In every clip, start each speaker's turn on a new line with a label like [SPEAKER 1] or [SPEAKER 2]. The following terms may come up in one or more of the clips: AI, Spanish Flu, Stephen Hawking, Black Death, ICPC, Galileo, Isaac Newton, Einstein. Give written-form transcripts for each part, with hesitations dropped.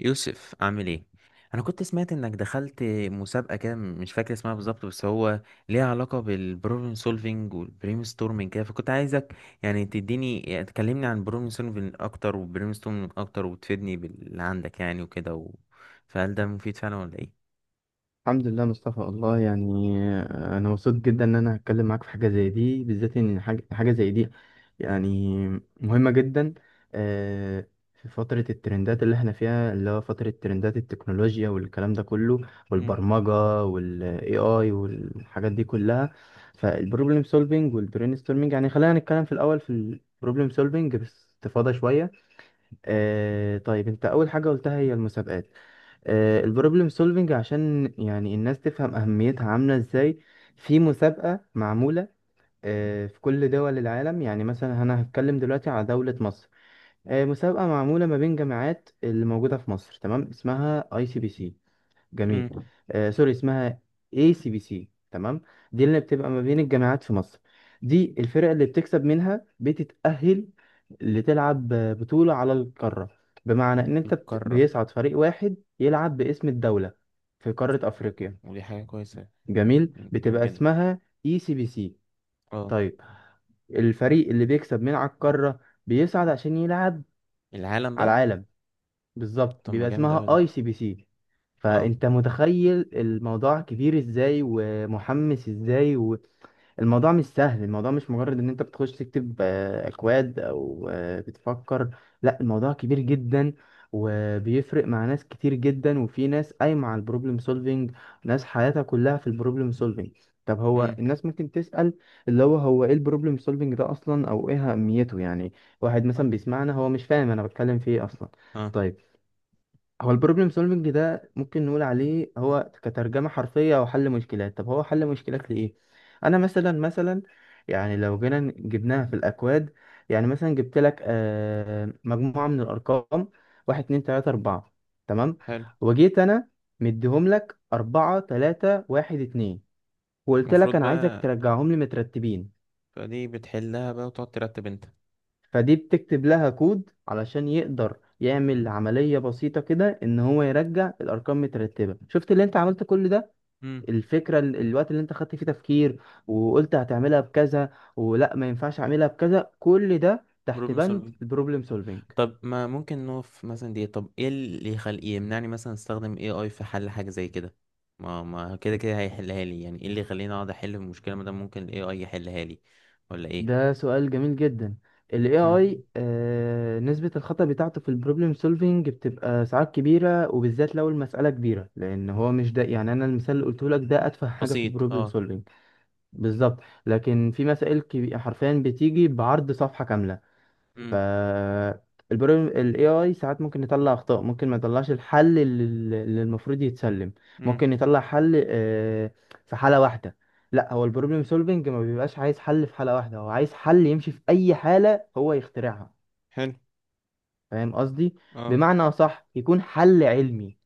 [SPEAKER 1] يوسف عامل ايه؟ انا كنت سمعت انك دخلت مسابقه كده، مش فاكر اسمها بالظبط، بس هو ليها علاقه بالبروبلم سولفينج والبرين ستورمينج كده. فكنت عايزك تديني، تكلمني عن البروبلم سولفينج اكتر والبرين ستورمينج اكتر، وتفيدني باللي عندك يعني وكده فهل ده مفيد فعلا ولا ايه؟
[SPEAKER 2] الحمد لله مصطفى والله يعني انا مبسوط جدا ان انا هتكلم معاك في حاجه زي دي، بالذات ان حاجة زي دي يعني مهمه جدا. آه، في فتره الترندات اللي احنا فيها، اللي هو فتره ترندات التكنولوجيا والكلام ده كله
[SPEAKER 1] مم.
[SPEAKER 2] والبرمجه والاي اي والحاجات دي كلها. فالبروبلم سولفينج والبرين ستورمينج، يعني خلينا نتكلم في الاول في البروبلم سولفينج باستفاضه شويه. طيب انت اول حاجه قلتها هي المسابقات. البروبلم سولفنج عشان يعني الناس تفهم أهميتها عاملة ازاي، في مسابقة معمولة في كل دول العالم. يعني مثلا أنا هتكلم دلوقتي على دولة مصر، مسابقة معمولة ما بين جامعات اللي موجودة في مصر، تمام، اسمها اي سي بي سي. جميل.
[SPEAKER 1] مم.
[SPEAKER 2] سوري، اسمها اي سي بي سي، تمام. دي اللي بتبقى ما بين الجامعات في مصر، دي الفرق اللي بتكسب منها بتتأهل لتلعب بطولة على القارة. بمعنى ان انت
[SPEAKER 1] القاره.
[SPEAKER 2] بيصعد فريق واحد يلعب باسم الدولة في قارة افريقيا.
[SPEAKER 1] ودي حاجه كويسه.
[SPEAKER 2] جميل،
[SPEAKER 1] جامد
[SPEAKER 2] بتبقى
[SPEAKER 1] جدا.
[SPEAKER 2] اسمها اي سي بي سي.
[SPEAKER 1] اه.
[SPEAKER 2] طيب، الفريق اللي بيكسب من على القارة بيصعد عشان يلعب
[SPEAKER 1] العالم
[SPEAKER 2] على
[SPEAKER 1] بقى.
[SPEAKER 2] العالم. بالظبط،
[SPEAKER 1] طب ما
[SPEAKER 2] بيبقى
[SPEAKER 1] جامد
[SPEAKER 2] اسمها
[SPEAKER 1] قوي ده.
[SPEAKER 2] اي سي بي سي.
[SPEAKER 1] اه.
[SPEAKER 2] فانت متخيل الموضوع كبير ازاي ومحمس ازاي. والموضوع مش سهل، الموضوع مش مجرد ان انت بتخش تكتب اكواد او بتفكر، لا الموضوع كبير جدا، وبيفرق مع ناس كتير جدا، وفي ناس قايمة على البروبلم سولفينج، ناس حياتها كلها في البروبلم سولفينج. طب هو
[SPEAKER 1] امم.
[SPEAKER 2] الناس ممكن تسأل، اللي هو هو ايه البروبلم سولفينج ده اصلا، او ايه اهميته يعني؟ واحد مثلا بيسمعنا هو مش فاهم انا بتكلم في ايه اصلا.
[SPEAKER 1] اه.
[SPEAKER 2] طيب، هو البروبلم سولفنج ده ممكن نقول عليه هو كترجمة حرفية أو حل مشكلات. طب هو حل مشكلات لإيه؟ أنا مثلا مثلا، يعني لو جينا جبناها في الأكواد، يعني مثلا جبت لك مجموعة من الأرقام: واحد اتنين تلاتة أربعة، تمام؟
[SPEAKER 1] حلو.
[SPEAKER 2] وجيت أنا مديهم لك أربعة تلاتة واحد اتنين، وقلت
[SPEAKER 1] المفروض
[SPEAKER 2] لك أنا عايزك
[SPEAKER 1] بقى.
[SPEAKER 2] ترجعهم لي مترتبين.
[SPEAKER 1] فدي بتحلها بقى وتقعد ترتب انت.
[SPEAKER 2] فدي بتكتب لها كود علشان يقدر يعمل عملية بسيطة كده، ان هو يرجع الارقام مترتبة. شفت اللي انت عملت كل ده؟
[SPEAKER 1] امم.
[SPEAKER 2] الفكرة الوقت اللي انت خدت فيه تفكير، وقلت هتعملها بكذا ولا ما ينفعش اعملها بكذا، كل ده تحت
[SPEAKER 1] بروبلم
[SPEAKER 2] بند
[SPEAKER 1] سولفينج.
[SPEAKER 2] البروبلم سولفينج.
[SPEAKER 1] طب ما ممكن نقف مثلا دي. طب ايه اللي يمنعني مثلا استخدم اي اي في حل حاجة زي كده؟ ما كده كده هيحلها لي، يعني ايه اللي يخليني اقعد احل في المشكلة ما دام ممكن الاي اي يحلها لي؟ ولا ايه؟
[SPEAKER 2] ده سؤال جميل جدا. ال
[SPEAKER 1] مم.
[SPEAKER 2] AI آه، نسبة الخطأ بتاعته في البروبلم سولفينج بتبقى ساعات كبيرة، وبالذات لو المسألة كبيرة، لأن هو مش ده. يعني أنا المثال اللي قلته لك ده أتفه حاجة في
[SPEAKER 1] بسيط
[SPEAKER 2] البروبلم
[SPEAKER 1] اه.
[SPEAKER 2] solving، بالظبط. لكن في مسائل حرفيا بتيجي بعرض صفحة كاملة. ف
[SPEAKER 1] مم.
[SPEAKER 2] البروبلم ال AI ساعات ممكن يطلع أخطاء، ممكن ما يطلعش الحل اللي المفروض يتسلم،
[SPEAKER 1] مم.
[SPEAKER 2] ممكن يطلع حل في حالة واحدة. لا، هو البروبلم سولفنج ما بيبقاش عايز حل في حالة واحدة، هو عايز حل يمشي في أي حالة هو يخترعها،
[SPEAKER 1] حلو
[SPEAKER 2] فاهم قصدي؟
[SPEAKER 1] اه.
[SPEAKER 2] بمعنى صح يكون حل علمي،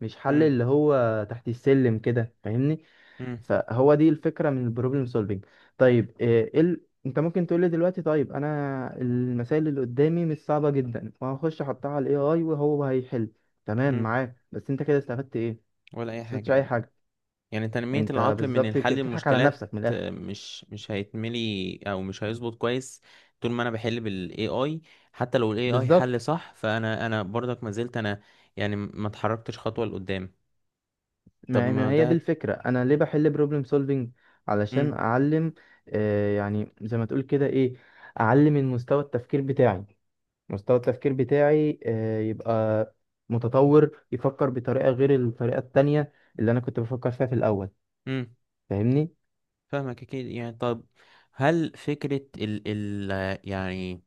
[SPEAKER 2] مش حل
[SPEAKER 1] مم.
[SPEAKER 2] اللي هو تحت السلم كده، فاهمني؟
[SPEAKER 1] مم.
[SPEAKER 2] فهو دي الفكرة من البروبلم سولفينج. طيب إيه انت ممكن تقول لي دلوقتي، طيب انا المسائل اللي قدامي مش صعبة جدا، وهخش احطها على الاي اي وهو هيحل، تمام
[SPEAKER 1] مم.
[SPEAKER 2] معاك. بس انت كده استفدت ايه؟ ما
[SPEAKER 1] ولا اي حاجة
[SPEAKER 2] استفدتش اي
[SPEAKER 1] يعني؟
[SPEAKER 2] حاجة.
[SPEAKER 1] يعني تنمية
[SPEAKER 2] انت
[SPEAKER 1] العقل من
[SPEAKER 2] بالظبط كده
[SPEAKER 1] الحل
[SPEAKER 2] بتضحك على
[SPEAKER 1] المشكلات،
[SPEAKER 2] نفسك من الاخر.
[SPEAKER 1] مش هيتملي او مش هيظبط كويس. طول ما انا بحل بالاي اي، حتى لو الاي اي حل
[SPEAKER 2] بالظبط،
[SPEAKER 1] صح، فانا برضك ما زلت انا، يعني ما اتحركتش خطوة لقدام. طب
[SPEAKER 2] ما
[SPEAKER 1] ما
[SPEAKER 2] ما هي دي
[SPEAKER 1] ده.
[SPEAKER 2] الفكرة، انا ليه بحل بروبلم سولفينج؟ علشان
[SPEAKER 1] امم.
[SPEAKER 2] اعلم. يعني زي ما تقول كده ايه، اعلم من مستوى التفكير بتاعي. مستوى التفكير بتاعي يبقى متطور، يفكر بطريقة غير الطريقة التانية اللي أنا كنت بفكر فيها في الأول،
[SPEAKER 1] امم.
[SPEAKER 2] فاهمني؟
[SPEAKER 1] فاهمك اكيد يعني. طب هل فكرة ال يعني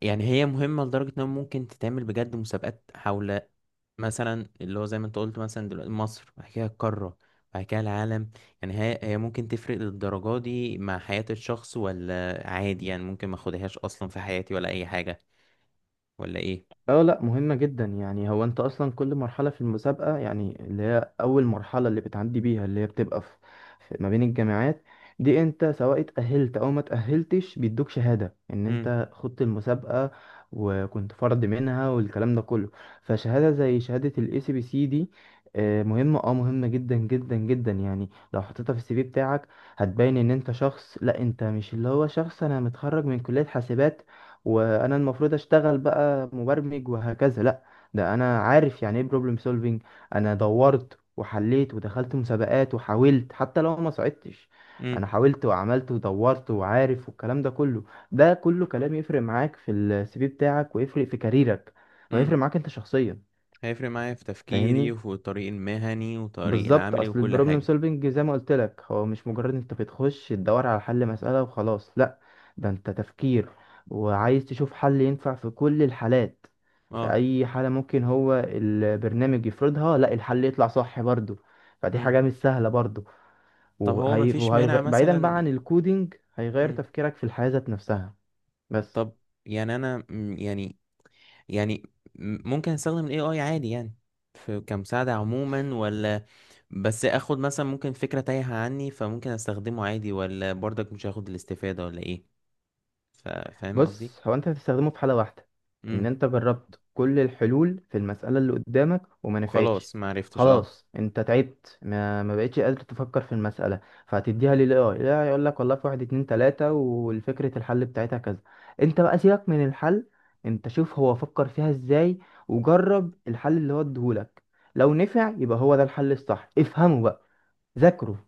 [SPEAKER 1] يعني هي مهمة لدرجة انها ممكن تتعمل بجد مسابقات حول، مثلا اللي هو زي ما انت قلت، مثلا دلوقتي مصر بعد كده القارة بعد كده العالم؟ يعني هي ممكن تفرق للدرجة دي مع حياة الشخص، ولا عادي يعني ممكن ما اخدهاش اصلا في حياتي ولا اي حاجة؟ ولا ايه؟
[SPEAKER 2] اه لا، مهمة جدا. يعني هو انت اصلا كل مرحلة في المسابقة، يعني اللي هي اول مرحلة اللي بتعدي بيها، اللي هي بتبقى ما بين الجامعات، دي انت سواء اتأهلت او ما اتأهلتش بيدوك شهادة ان
[SPEAKER 1] امم.
[SPEAKER 2] انت خدت المسابقة وكنت فرد منها والكلام ده كله. فشهادة زي شهادة الاي سي بي سي دي مهمة، اه مهمة جدا جدا جدا. يعني لو حطيتها في السي في بتاعك، هتبين ان انت شخص، لا انت مش اللي هو شخص انا متخرج من كلية حاسبات وانا المفروض اشتغل بقى مبرمج وهكذا، لا، ده انا عارف يعني ايه بروبلم سولفينج، انا دورت وحليت ودخلت مسابقات وحاولت، حتى لو ما صعدتش
[SPEAKER 1] امم.
[SPEAKER 2] انا حاولت وعملت ودورت وعارف والكلام ده كله. ده كله كلام يفرق معاك في السي في بتاعك، ويفرق في كاريرك، ويفرق
[SPEAKER 1] امم.
[SPEAKER 2] معاك انت شخصيا،
[SPEAKER 1] هيفرق معايا في تفكيري
[SPEAKER 2] فاهمني؟
[SPEAKER 1] وفي الطريق المهني وطريق
[SPEAKER 2] بالظبط،
[SPEAKER 1] العملي
[SPEAKER 2] اصل
[SPEAKER 1] وكل
[SPEAKER 2] البروبلم
[SPEAKER 1] حاجة.
[SPEAKER 2] سولفنج زي ما قلت لك هو مش مجرد انت بتخش تدور على حل مسألة وخلاص، لا، ده انت تفكير، وعايز تشوف حل ينفع في كل الحالات، في
[SPEAKER 1] اه.
[SPEAKER 2] اي حالة ممكن هو البرنامج يفرضها لا الحل يطلع صح برضو. فدي
[SPEAKER 1] امم.
[SPEAKER 2] حاجة مش سهلة برضو.
[SPEAKER 1] طب هو مفيش مانع
[SPEAKER 2] بعيدا بقى
[SPEAKER 1] مثلا.
[SPEAKER 2] عن الكودينج، هيغير
[SPEAKER 1] امم.
[SPEAKER 2] تفكيرك في الحياة ذات نفسها. بس،
[SPEAKER 1] طب يعني انا يعني، يعني ممكن استخدم الاي اي عادي يعني، في كمساعدة عموما، ولا بس اخد مثلا ممكن فكرة تايهة عني فممكن استخدمه عادي، ولا برضك مش هاخد الاستفادة؟ ولا ايه؟ فاهم قصدي؟
[SPEAKER 2] بص، هو انت هتستخدمه في حالة واحدة: ان
[SPEAKER 1] امم.
[SPEAKER 2] انت جربت كل الحلول في المسألة اللي قدامك وما نفعتش،
[SPEAKER 1] وخلاص ما عرفتش اه.
[SPEAKER 2] خلاص انت تعبت، ما بقتش قادر تفكر في المسألة، فهتديها للاي اي، لا يقول لك والله في واحد اتنين تلاتة، والفكرة الحل بتاعتها كذا. انت بقى سيبك من الحل، انت شوف هو فكر فيها ازاي، وجرب الحل اللي هو اديهولك، لو نفع يبقى هو ده الحل الصح، افهمه بقى، ذاكره،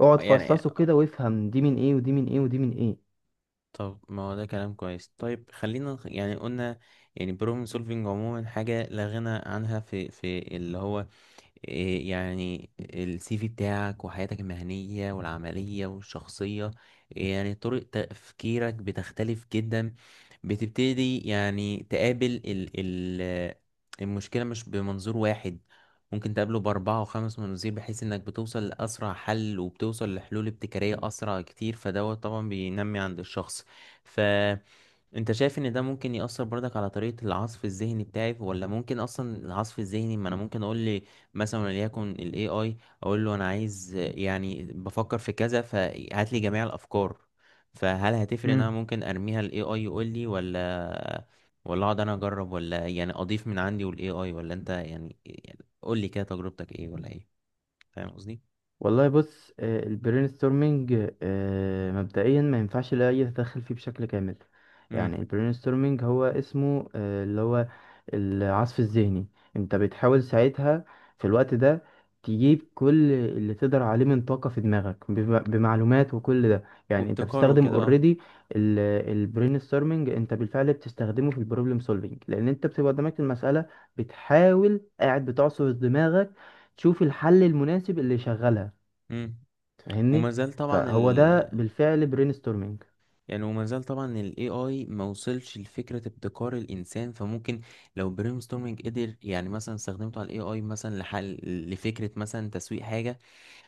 [SPEAKER 2] اقعد
[SPEAKER 1] يعني
[SPEAKER 2] فصصه كده وافهم دي من ايه ودي من ايه ودي من ايه.
[SPEAKER 1] طب ما هو ده كلام كويس. طيب خلينا يعني قلنا يعني بروبلم سولفينج عموما حاجة لا غنى عنها في اللي هو إيه، يعني السي في بتاعك وحياتك المهنية والعملية والشخصية. يعني طرق تفكيرك بتختلف جدا، بتبتدي يعني تقابل ال المشكلة مش بمنظور واحد، ممكن تقابله بأربعة وخمس مناظير، بحيث إنك بتوصل لأسرع حل وبتوصل لحلول ابتكارية أسرع كتير، فدوت طبعا بينمي عند الشخص. ف انت شايف ان ده ممكن يأثر برضك على طريقة العصف الذهني بتاعي، ولا ممكن اصلا العصف الذهني، ما انا ممكن اقول لي مثلا وليكن ال AI، اقول له انا عايز، يعني بفكر في كذا فهات لي جميع الافكار؟ فهل هتفرق ان انا
[SPEAKER 2] مم.
[SPEAKER 1] ممكن ارميها ال AI يقول لي؟ ولا، ولا اقعد انا اجرب، ولا يعني اضيف من عندي وال AI؟ ولا انت يعني قول لي كده تجربتك ايه؟ ولا ايه؟ فاهم قصدي؟
[SPEAKER 2] والله بص، البرين ستورمنج مبدئيا ما ينفعش الاي يتدخل فيه بشكل كامل. يعني
[SPEAKER 1] امم.
[SPEAKER 2] البرين ستورمنج هو اسمه اللي هو العصف الذهني. انت بتحاول ساعتها، في الوقت ده، تجيب كل اللي تقدر عليه من طاقة في دماغك بمعلومات وكل ده. يعني انت
[SPEAKER 1] وابتكار
[SPEAKER 2] بتستخدم
[SPEAKER 1] وكده اه.
[SPEAKER 2] اوريدي البرين ستورمنج، انت بالفعل بتستخدمه في البروبلم سولفينج، لان انت بتبقى قدامك المسألة، بتحاول قاعد بتعصر دماغك تشوف الحل المناسب اللي يشغلها،
[SPEAKER 1] امم. وما
[SPEAKER 2] فاهمني؟
[SPEAKER 1] زال طبعا
[SPEAKER 2] فهو
[SPEAKER 1] ال،
[SPEAKER 2] ده بالفعل برين ستورمينج،
[SPEAKER 1] يعني وما زال طبعا ال AI ما وصلش لفكرة ابتكار الإنسان. فممكن لو brainstorming قدر، يعني مثلا استخدمته على ال AI مثلا لحل، لفكرة مثلا تسويق حاجة،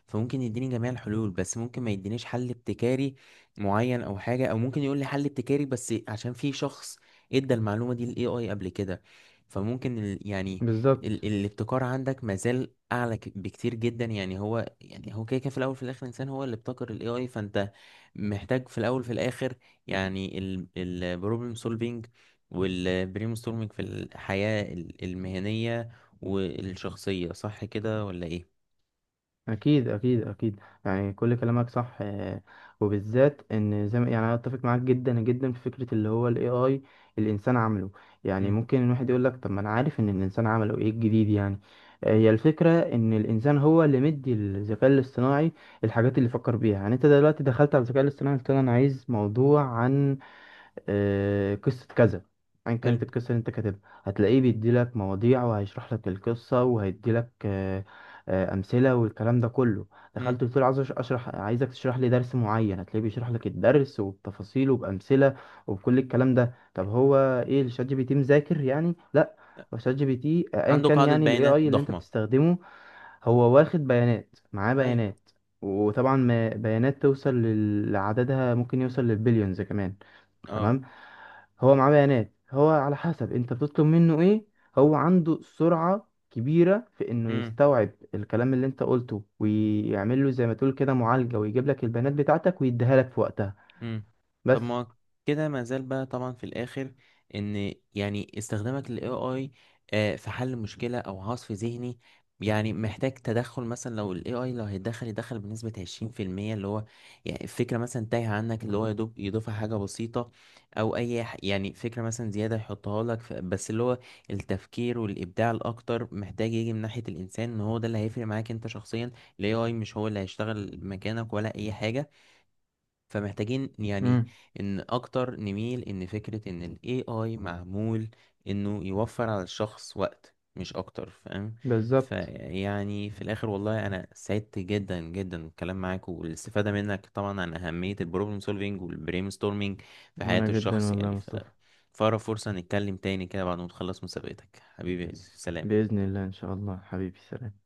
[SPEAKER 1] فممكن يديني جميع الحلول، بس ممكن ما يدينيش حل ابتكاري معين أو حاجة، أو ممكن يقول لي حل ابتكاري بس عشان في شخص ادى المعلومة دي لل AI قبل كده. فممكن
[SPEAKER 2] بالظبط.
[SPEAKER 1] الابتكار عندك ما زال أعلى بكتير جدا. يعني هو كده كده، في الأول وفي الآخر إنسان هو اللي ابتكر ال AI، فأنت محتاج في الاول في الاخر يعني البروبلم سولفينج والبرين ستورمينج في الحياة المهنية والشخصية. صح كده ولا ايه؟
[SPEAKER 2] اكيد اكيد اكيد، يعني كل كلامك صح، وبالذات ان زي ما يعني انا اتفق معاك جدا جدا في فكره اللي هو الاي اي الانسان عمله. يعني
[SPEAKER 1] مم.
[SPEAKER 2] ممكن الواحد يقول لك طب ما انا عارف ان الانسان عمله ايه الجديد يعني؟ هي الفكره ان الانسان هو اللي مدي الذكاء الاصطناعي الحاجات اللي فكر بيها. يعني انت دلوقتي دخلت على الذكاء الاصطناعي، قلت له انا عايز موضوع عن قصة كذا، أيا كانت
[SPEAKER 1] حلو.
[SPEAKER 2] القصة اللي أنت كاتبها، هتلاقيه بيديلك مواضيع، وهيشرح لك القصة، وهيديلك أمثلة والكلام ده كله. دخلت
[SPEAKER 1] مم.
[SPEAKER 2] قلت له عايز أشرح، عايزك تشرح لي درس معين، هتلاقيه بيشرح لك الدرس وبتفاصيله وبأمثلة وبكل الكلام ده. طب هو إيه الشات جي بي تي مذاكر يعني؟ لأ، هو شات جي بي تي أيا
[SPEAKER 1] عنده
[SPEAKER 2] كان
[SPEAKER 1] قاعدة
[SPEAKER 2] يعني ال
[SPEAKER 1] بيانات
[SPEAKER 2] AI اللي أنت
[SPEAKER 1] ضخمة.
[SPEAKER 2] بتستخدمه، هو واخد بيانات، معاه
[SPEAKER 1] ايوه.
[SPEAKER 2] بيانات، وطبعا بيانات توصل لعددها ممكن يوصل للبليونز كمان،
[SPEAKER 1] اه.
[SPEAKER 2] تمام. هو معاه بيانات، هو على حسب انت بتطلب منه ايه، هو عنده سرعة كبيرة في انه
[SPEAKER 1] مم.
[SPEAKER 2] يستوعب الكلام اللي انت قلته ويعمل له زي ما تقول كده معالجة، ويجيب لك البيانات بتاعتك ويديها لك في وقتها،
[SPEAKER 1] مم. طب
[SPEAKER 2] بس.
[SPEAKER 1] ما كده ما زال بقى طبعا في الاخر، ان يعني استخدامك لل AI، في حل مشكلة او عصف ذهني، يعني محتاج تدخل. مثلا لو ال AI لو هيتدخل، يدخل بنسبة 20%، اللي هو يعني الفكرة مثلا تايهة عنك اللي هو يدوب يضيفها حاجة بسيطة، او اي يعني فكرة مثلا زيادة يحطها لك، بس اللي هو التفكير والابداع الاكتر محتاج يجي من ناحية الانسان، ان هو ده اللي هيفرق معاك انت شخصيا. ال AI مش هو اللي هيشتغل مكانك ولا اي حاجة. فمحتاجين يعني
[SPEAKER 2] امم،
[SPEAKER 1] ان اكتر نميل ان فكرة ان ال AI معمول انه يوفر على الشخص وقت، مش اكتر. فاهم؟
[SPEAKER 2] بالظبط.
[SPEAKER 1] فيعني في الاخر، والله انا سعدت جدا جدا بالكلام معاك والاستفادة منك طبعا عن اهمية البروبلم سولفينج والبرين ستورمينج في حياة
[SPEAKER 2] وانا جدا
[SPEAKER 1] الشخص
[SPEAKER 2] والله يا
[SPEAKER 1] يعني. ف
[SPEAKER 2] مصطفى،
[SPEAKER 1] فأقرب فرصة نتكلم تاني كده بعد ما تخلص مسابقتك. حبيبي سلام.
[SPEAKER 2] بإذن الله ان شاء الله، حبيبي سلام.